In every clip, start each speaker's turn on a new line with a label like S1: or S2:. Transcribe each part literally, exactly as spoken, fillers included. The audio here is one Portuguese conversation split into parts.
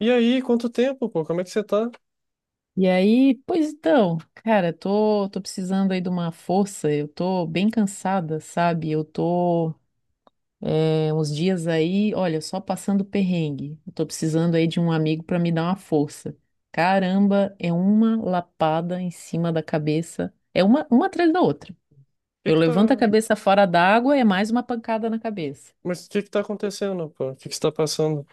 S1: E aí, quanto tempo, pô? Como é que você tá? O
S2: E aí, pois então, cara, tô, tô precisando aí de uma força, eu tô bem cansada, sabe? Eu tô é, uns dias aí, olha, só passando perrengue. Eu tô precisando aí de um amigo pra me dar uma força. Caramba, é uma lapada em cima da cabeça, é uma, uma atrás da outra.
S1: que
S2: Eu
S1: que tá...
S2: levanto a cabeça fora d'água, é mais uma pancada na cabeça.
S1: Mas o que que tá acontecendo, pô? O que que você tá passando?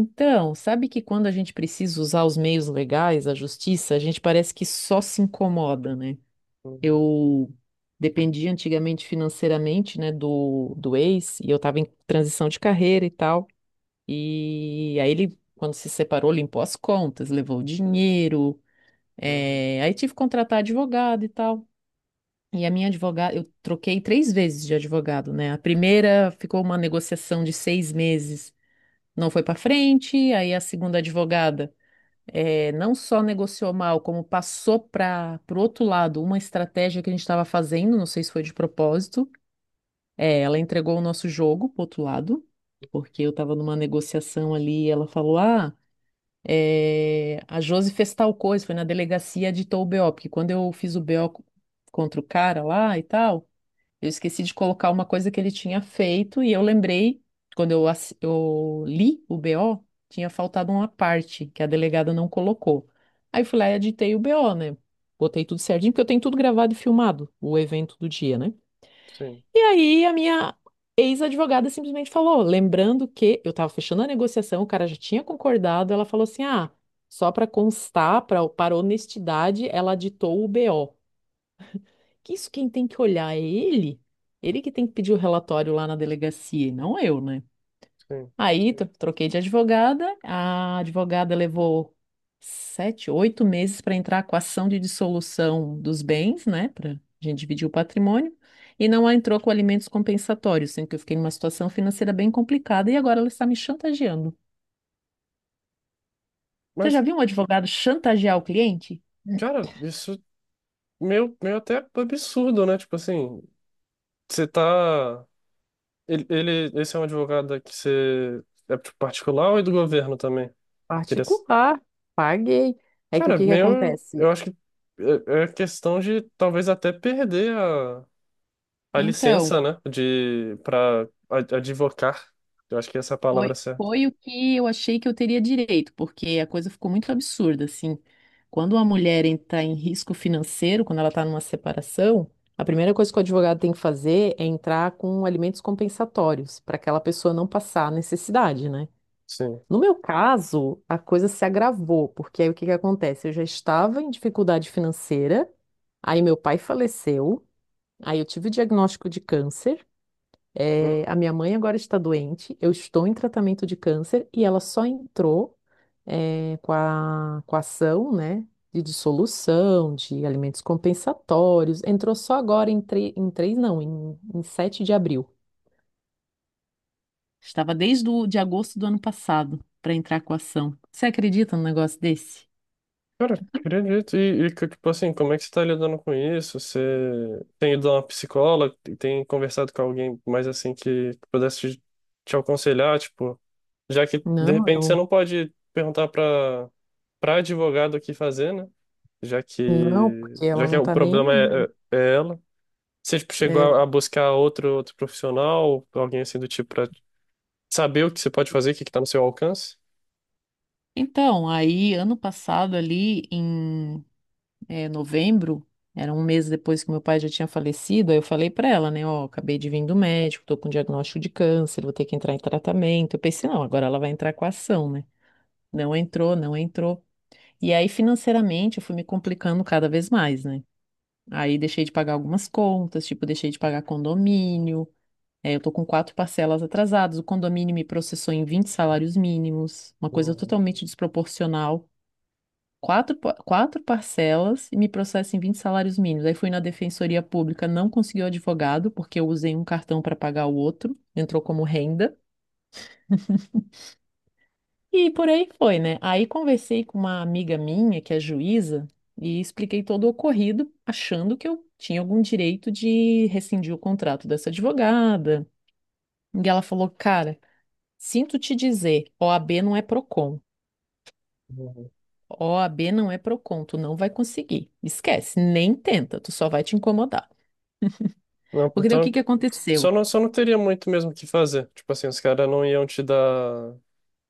S2: Então, sabe que quando a gente precisa usar os meios legais, a justiça, a gente parece que só se incomoda, né?
S1: Uhum,
S2: Eu dependia antigamente financeiramente, né, do, do ex, e eu estava em transição de carreira e tal. E aí ele, quando se separou, limpou as contas, levou o dinheiro.
S1: uhum.
S2: eh, Aí tive que contratar advogado e tal. E a minha advogada, eu troquei três vezes de advogado, né? A primeira ficou uma negociação de seis meses, não foi para frente. Aí a segunda advogada eh, não só negociou mal, como passou para o outro lado uma estratégia que a gente estava fazendo, não sei se foi de propósito. É, ela entregou o nosso jogo pro outro lado, porque eu estava numa negociação ali e ela falou: "Ah, eh, a Josi fez tal coisa, foi na delegacia, editou o B O", porque quando eu fiz o B O co- contra o cara lá e tal. Eu esqueci de colocar uma coisa que ele tinha feito e eu lembrei, quando eu, ass- eu li o B O, tinha faltado uma parte que a delegada não colocou. Aí eu fui lá e editei o B O, né? Botei tudo certinho, porque eu tenho tudo gravado e filmado, o evento do dia, né?
S1: Sim,
S2: E aí a minha ex-advogada simplesmente falou, lembrando que eu estava fechando a negociação, o cara já tinha concordado, ela falou assim: "Ah, só para constar, pra, para honestidade, ela ditou o B O", que isso quem tem que olhar é ele, ele que tem que pedir o relatório lá na delegacia, e não eu, né?
S1: sim.
S2: Aí tro- troquei de advogada. A advogada levou sete, oito meses para entrar com a ação de dissolução dos bens, né? Para a gente dividir o patrimônio, e não entrou com alimentos compensatórios, sendo que eu fiquei numa situação financeira bem complicada e agora ela está me chantageando. Você já
S1: Mas,
S2: viu um advogado chantagear o cliente?
S1: cara, isso meio, meio até absurdo, né? Tipo assim, você tá... Ele, ele, esse é um advogado que você... É tipo, particular ou é do governo também? Queria... s-
S2: Particular, paguei. É que o
S1: Cara,
S2: que que
S1: meio... Eu
S2: acontece?
S1: acho que é é questão de talvez até perder a a
S2: Então.
S1: licença, né, de para advocar. Eu acho que essa é a palavra
S2: Foi,
S1: certa.
S2: foi o que eu achei que eu teria direito, porque a coisa ficou muito absurda, assim. Quando uma mulher está em risco financeiro, quando ela está numa separação, a primeira coisa que o advogado tem que fazer é entrar com alimentos compensatórios, para aquela pessoa não passar a necessidade, né?
S1: Sim.
S2: No meu caso, a coisa se agravou, porque aí o que que acontece? Eu já estava em dificuldade financeira, aí meu pai faleceu, aí eu tive o diagnóstico de câncer.
S1: Hum.
S2: É, a minha mãe agora está doente, eu estou em tratamento de câncer e ela só entrou, é, com a, com a ação, né, de dissolução, de alimentos compensatórios. Entrou só agora em, tre- em três, não, em, em sete de abril. Estava desde o, de agosto do ano passado para entrar com a ação. Você acredita num negócio desse?
S1: Cara, acredito. E, e que, tipo assim, como é que você tá lidando com isso? Você tem ido a uma psicóloga? Tem conversado com alguém mais assim que pudesse te, te aconselhar? Tipo, já que de
S2: Não,
S1: repente você
S2: eu
S1: não pode perguntar para para advogado o que fazer, né? Já
S2: não,
S1: que
S2: porque
S1: já
S2: ela
S1: que
S2: não
S1: o
S2: está
S1: problema é,
S2: nem.
S1: é, é ela. Você tipo, chegou
S2: É.
S1: a a buscar outro, outro profissional, alguém assim do tipo, pra saber o que você pode fazer, o que que tá no seu alcance?
S2: Então, aí ano passado ali em é, novembro, era um mês depois que meu pai já tinha falecido, aí eu falei pra ela, né, ó, acabei de vir do médico, tô com diagnóstico de câncer, vou ter que entrar em tratamento. Eu pensei, não, agora ela vai entrar com a ação, né? Não entrou, não entrou. E aí, financeiramente, eu fui me complicando cada vez mais, né? Aí deixei de pagar algumas contas, tipo, deixei de pagar condomínio. É, eu tô com quatro parcelas atrasadas. O condomínio me processou em vinte salários mínimos, uma coisa
S1: Uhum,
S2: totalmente desproporcional, quatro, pa- quatro parcelas, e me processa em vinte salários mínimos. Aí fui na Defensoria Pública, não consegui o advogado, porque eu usei um cartão para pagar o outro, entrou como renda. E por aí foi, né? Aí conversei com uma amiga minha, que é juíza, e expliquei todo o ocorrido, achando que eu tinha algum direito de rescindir o contrato dessa advogada. E ela falou: "Cara, sinto te dizer, O A B não é Procon.
S1: uhum.
S2: O A B não é Procon, tu não vai conseguir. Esquece, nem tenta, tu só vai te incomodar."
S1: Não,
S2: Porque daí o que
S1: então,
S2: que aconteceu?
S1: só não, só não teria muito mesmo o que fazer. Tipo assim, os caras não iam te dar.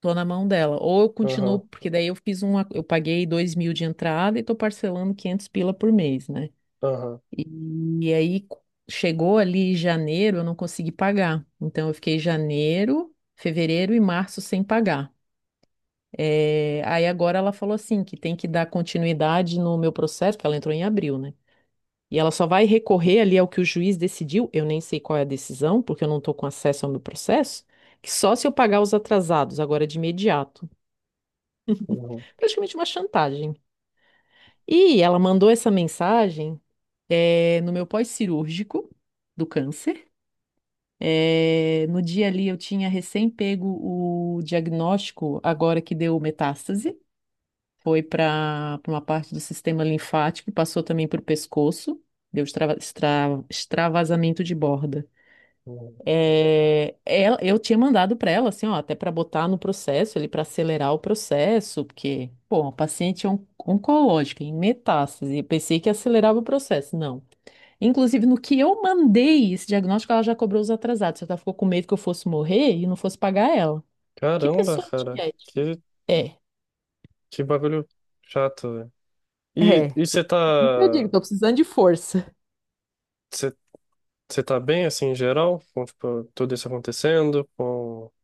S2: Tô na mão dela. Ou eu continuo,
S1: Aham,
S2: porque daí eu fiz uma, eu paguei dois mil de entrada e tô parcelando quinhentos pila por mês, né?
S1: aham,
S2: E, e aí co- chegou ali janeiro, eu não consegui pagar. Então eu fiquei janeiro, fevereiro e março sem pagar. É, aí agora ela falou assim que tem que dar continuidade no meu processo, porque ela entrou em abril, né? E ela só vai recorrer ali ao que o juiz decidiu, eu nem sei qual é a decisão, porque eu não estou com acesso ao meu processo, que só se eu pagar os atrasados, agora de imediato.
S1: uhum.
S2: Praticamente uma chantagem. E ela mandou essa mensagem eh, no meu pós-cirúrgico do câncer. Eh, no dia ali eu tinha recém pego o diagnóstico, agora que deu metástase, foi para uma parte do sistema linfático, e passou também para o pescoço, deu extrava- extra- extravasamento de borda. É, ela- eu tinha mandado para ela, assim, ó, até para botar no processo, ali para acelerar o processo, porque, pô, a paciente é on- oncológica, em metástase, eu pensei que acelerava o processo, não. Inclusive, no que eu mandei esse diagnóstico, ela já cobrou os atrasados, ela ficou com medo que eu fosse morrer e não fosse pagar ela. Que
S1: Caramba,
S2: pessoa
S1: cara,
S2: antiética.
S1: que,
S2: É,
S1: que bagulho chato, velho. E,
S2: é.
S1: e você tá,
S2: Por isso que eu digo, tô precisando de força.
S1: você você tá bem, assim, em geral, com, tipo, tudo isso acontecendo, com... O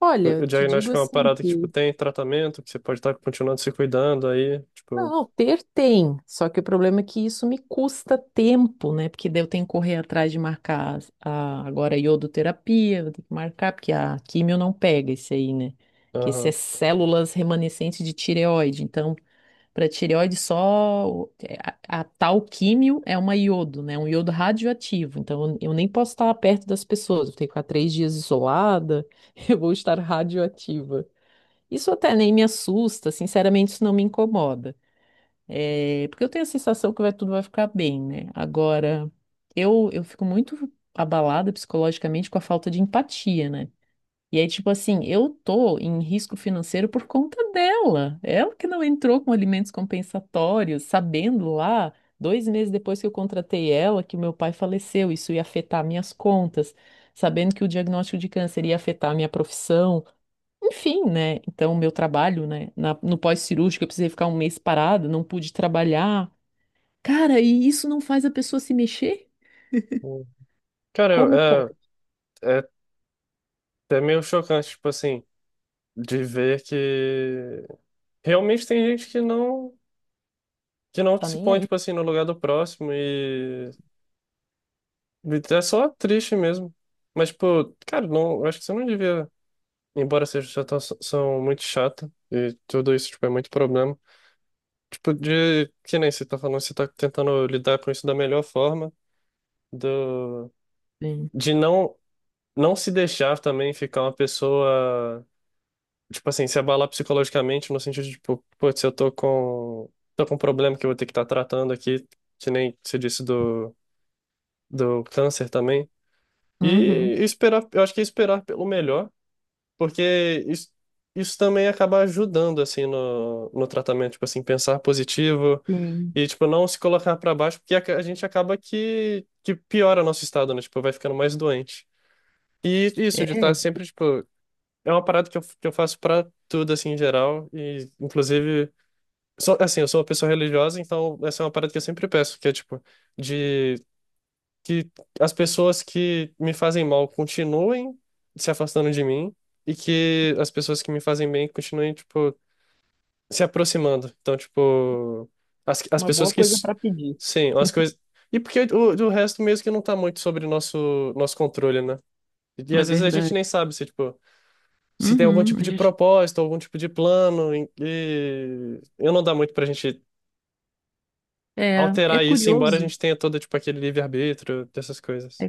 S2: Olha, eu
S1: o
S2: te digo
S1: diagnóstico é uma
S2: assim
S1: parada que, tipo,
S2: que
S1: tem tratamento, que você pode estar continuando se cuidando aí, tipo,
S2: não, ter tem, só que o problema é que isso me custa tempo, né? Porque daí eu tenho que correr atrás de marcar as- a, agora a iodoterapia, vou ter que marcar, porque a químio não pega esse aí, né? Que esse é
S1: aham.
S2: células remanescentes de tireoide. Então, para tireoide só o- é, a, a tal químio é uma iodo, né? Um iodo radioativo. Então, eu, eu nem posso estar perto das pessoas, eu tenho que ficar três dias isolada, eu vou estar radioativa. Isso até nem me assusta, sinceramente, isso não me incomoda. É, porque eu tenho a sensação que vai, tudo vai ficar bem, né? Agora, eu, eu fico muito abalada psicologicamente com a falta de empatia, né? E aí, tipo assim, eu tô em risco financeiro por conta dela. Ela que não entrou com alimentos compensatórios, sabendo lá, dois meses depois que eu contratei ela, que o meu pai faleceu, isso ia afetar minhas contas, sabendo que o diagnóstico de câncer ia afetar a minha profissão. Enfim, né? Então, meu trabalho, né, na- no pós-cirúrgico, eu precisei ficar um mês parado, não pude trabalhar. Cara, e isso não faz a pessoa se mexer? Como
S1: Cara,
S2: pode?
S1: é, é, é até meio chocante, tipo assim, de ver que realmente tem gente que não, que não
S2: Tá
S1: se
S2: nem
S1: põe,
S2: aí.
S1: tipo assim, no lugar do próximo. Então, é só triste mesmo. Mas, tipo, cara, não, eu acho que você não devia, embora seja situação muito chata, e tudo isso, tipo, é muito problema. Tipo, de que nem você tá falando, você tá tentando lidar com isso da melhor forma, do,
S2: Sim.
S1: de não, não se deixar também ficar uma pessoa, tipo assim, se abalar psicologicamente, no sentido de, tipo, putz, eu tô com, tô com um problema que eu vou ter que estar tratando aqui, que nem você disse do, do câncer também. E
S2: Uhum.
S1: esperar, eu acho que é esperar pelo melhor. Porque isso, isso também acaba ajudando, assim, no, no tratamento, tipo assim, pensar positivo
S2: Sim.
S1: e, tipo, não se colocar pra baixo, porque a, a gente acaba que, que piora nosso estado, né? Tipo, vai ficando mais doente. E isso de estar
S2: É
S1: sempre, tipo, é uma parada que eu, que eu faço pra tudo, assim, em geral, e, inclusive, sou, assim, eu sou uma pessoa religiosa, então essa é uma parada que eu sempre peço, que é, tipo, de que as pessoas que me fazem mal continuem se afastando de mim e que as pessoas que me fazem bem continuem, tipo, se aproximando. Então, tipo, as, as
S2: uma boa
S1: pessoas que.
S2: coisa
S1: S-
S2: para pedir.
S1: Sim, as coisas. E porque o, o resto mesmo que não tá muito sobre nosso, nosso controle, né? E,
S2: É
S1: às vezes a gente
S2: verdade.
S1: nem sabe se, tipo, se tem algum
S2: Uhum.
S1: tipo
S2: A
S1: de
S2: gente...
S1: propósito, algum tipo de plano, em- e eu não dá muito pra gente
S2: É, é
S1: alterar isso, embora a
S2: curioso.
S1: gente tenha todo, tipo, aquele livre-arbítrio, dessas coisas.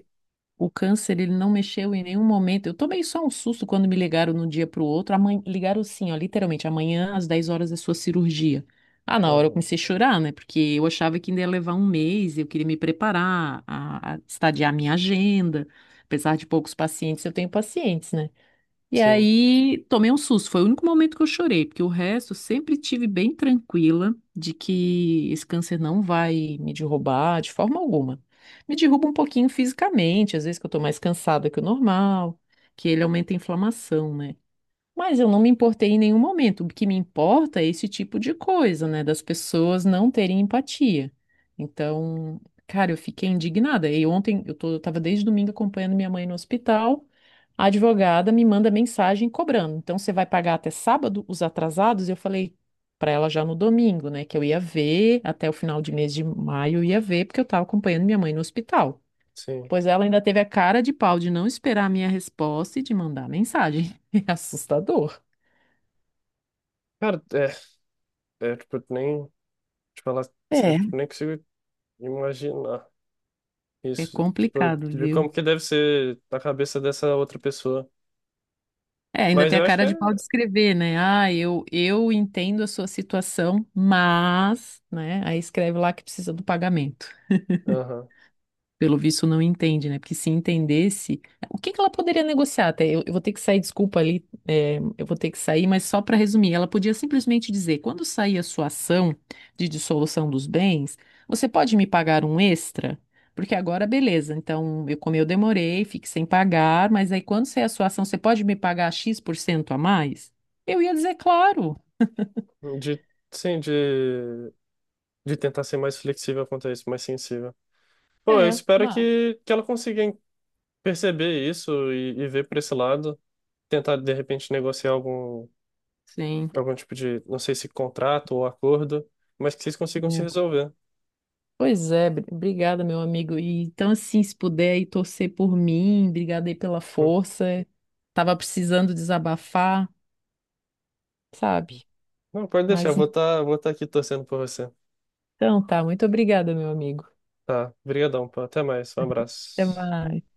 S2: O câncer, ele não mexeu em nenhum momento. Eu tomei só um susto quando me ligaram de um dia para o outro. Amanhã, ligaram assim, ó, literalmente, amanhã às dez horas é sua cirurgia. Ah, na hora eu
S1: Aham.
S2: comecei a chorar, né? Porque eu achava que ainda ia levar um mês, eu queria me preparar, a, a estadiar minha agenda. Apesar de poucos pacientes, eu tenho pacientes, né? E
S1: Sim.
S2: aí tomei um susto, foi o único momento que eu chorei, porque o resto eu sempre tive bem tranquila de que esse câncer não vai me derrubar de forma alguma. Me derruba um pouquinho fisicamente, às vezes que eu tô mais cansada que o normal, que ele aumenta a inflamação, né? Mas eu não me importei em nenhum momento. O que me importa é esse tipo de coisa, né? Das pessoas não terem empatia. Então, cara, eu fiquei indignada. E ontem eu tô, eu tava desde domingo acompanhando minha mãe no hospital. A advogada me manda mensagem cobrando: "Então, você vai pagar até sábado os atrasados?" E eu falei pra ela já no domingo, né, que eu ia ver, até o final de mês de maio eu ia ver, porque eu tava acompanhando minha mãe no hospital.
S1: Sim.
S2: Pois ela ainda teve a cara de pau de não esperar a minha resposta e de mandar mensagem. É assustador.
S1: Cara, é, é, tipo, nem, te falar
S2: É,
S1: sério, tipo, nem consigo imaginar
S2: é
S1: isso, tipo,
S2: complicado,
S1: de
S2: viu?
S1: como que deve ser na cabeça dessa outra pessoa.
S2: É, ainda
S1: Mas
S2: tem a
S1: eu acho que
S2: cara
S1: é,
S2: de pau de escrever, né? "Ah, eu, eu entendo a sua situação, mas", né? Aí escreve lá que precisa do pagamento.
S1: aham,
S2: Pelo visto, não entende, né? Porque se entendesse, o que que ela poderia negociar? Até eu, eu vou ter que sair, desculpa ali, é, eu vou ter que sair, mas só para resumir, ela podia simplesmente dizer: quando sair a sua ação de dissolução dos bens, você pode me pagar um extra? Porque agora, beleza, então eu, como eu demorei, fique sem pagar, mas aí quando sair a sua ação, você pode me pagar X% por cento a mais? Eu ia dizer, claro.
S1: de, sim, de, de tentar ser mais flexível quanto a isso, mais sensível. Pô, eu
S2: É,
S1: espero
S2: mas.
S1: que, que ela consiga en- perceber isso e, e ver por esse lado, tentar, de repente, negociar algum,
S2: Sim.
S1: algum tipo de, não sei se contrato ou acordo, mas que vocês consigam se
S2: É.
S1: resolver.
S2: Pois é, bri- obrigada, meu amigo. E, então, assim, se puder aí torcer por mim, obrigada aí pela
S1: Hum.
S2: força. Tava precisando desabafar, sabe?
S1: Hum. Não, pode deixar,
S2: Mas
S1: eu vou estar, vou estar aqui torcendo por você.
S2: então tá, muito obrigada, meu amigo.
S1: Tá, brigadão, pô. Até mais. Um
S2: Até
S1: abraço.
S2: mais.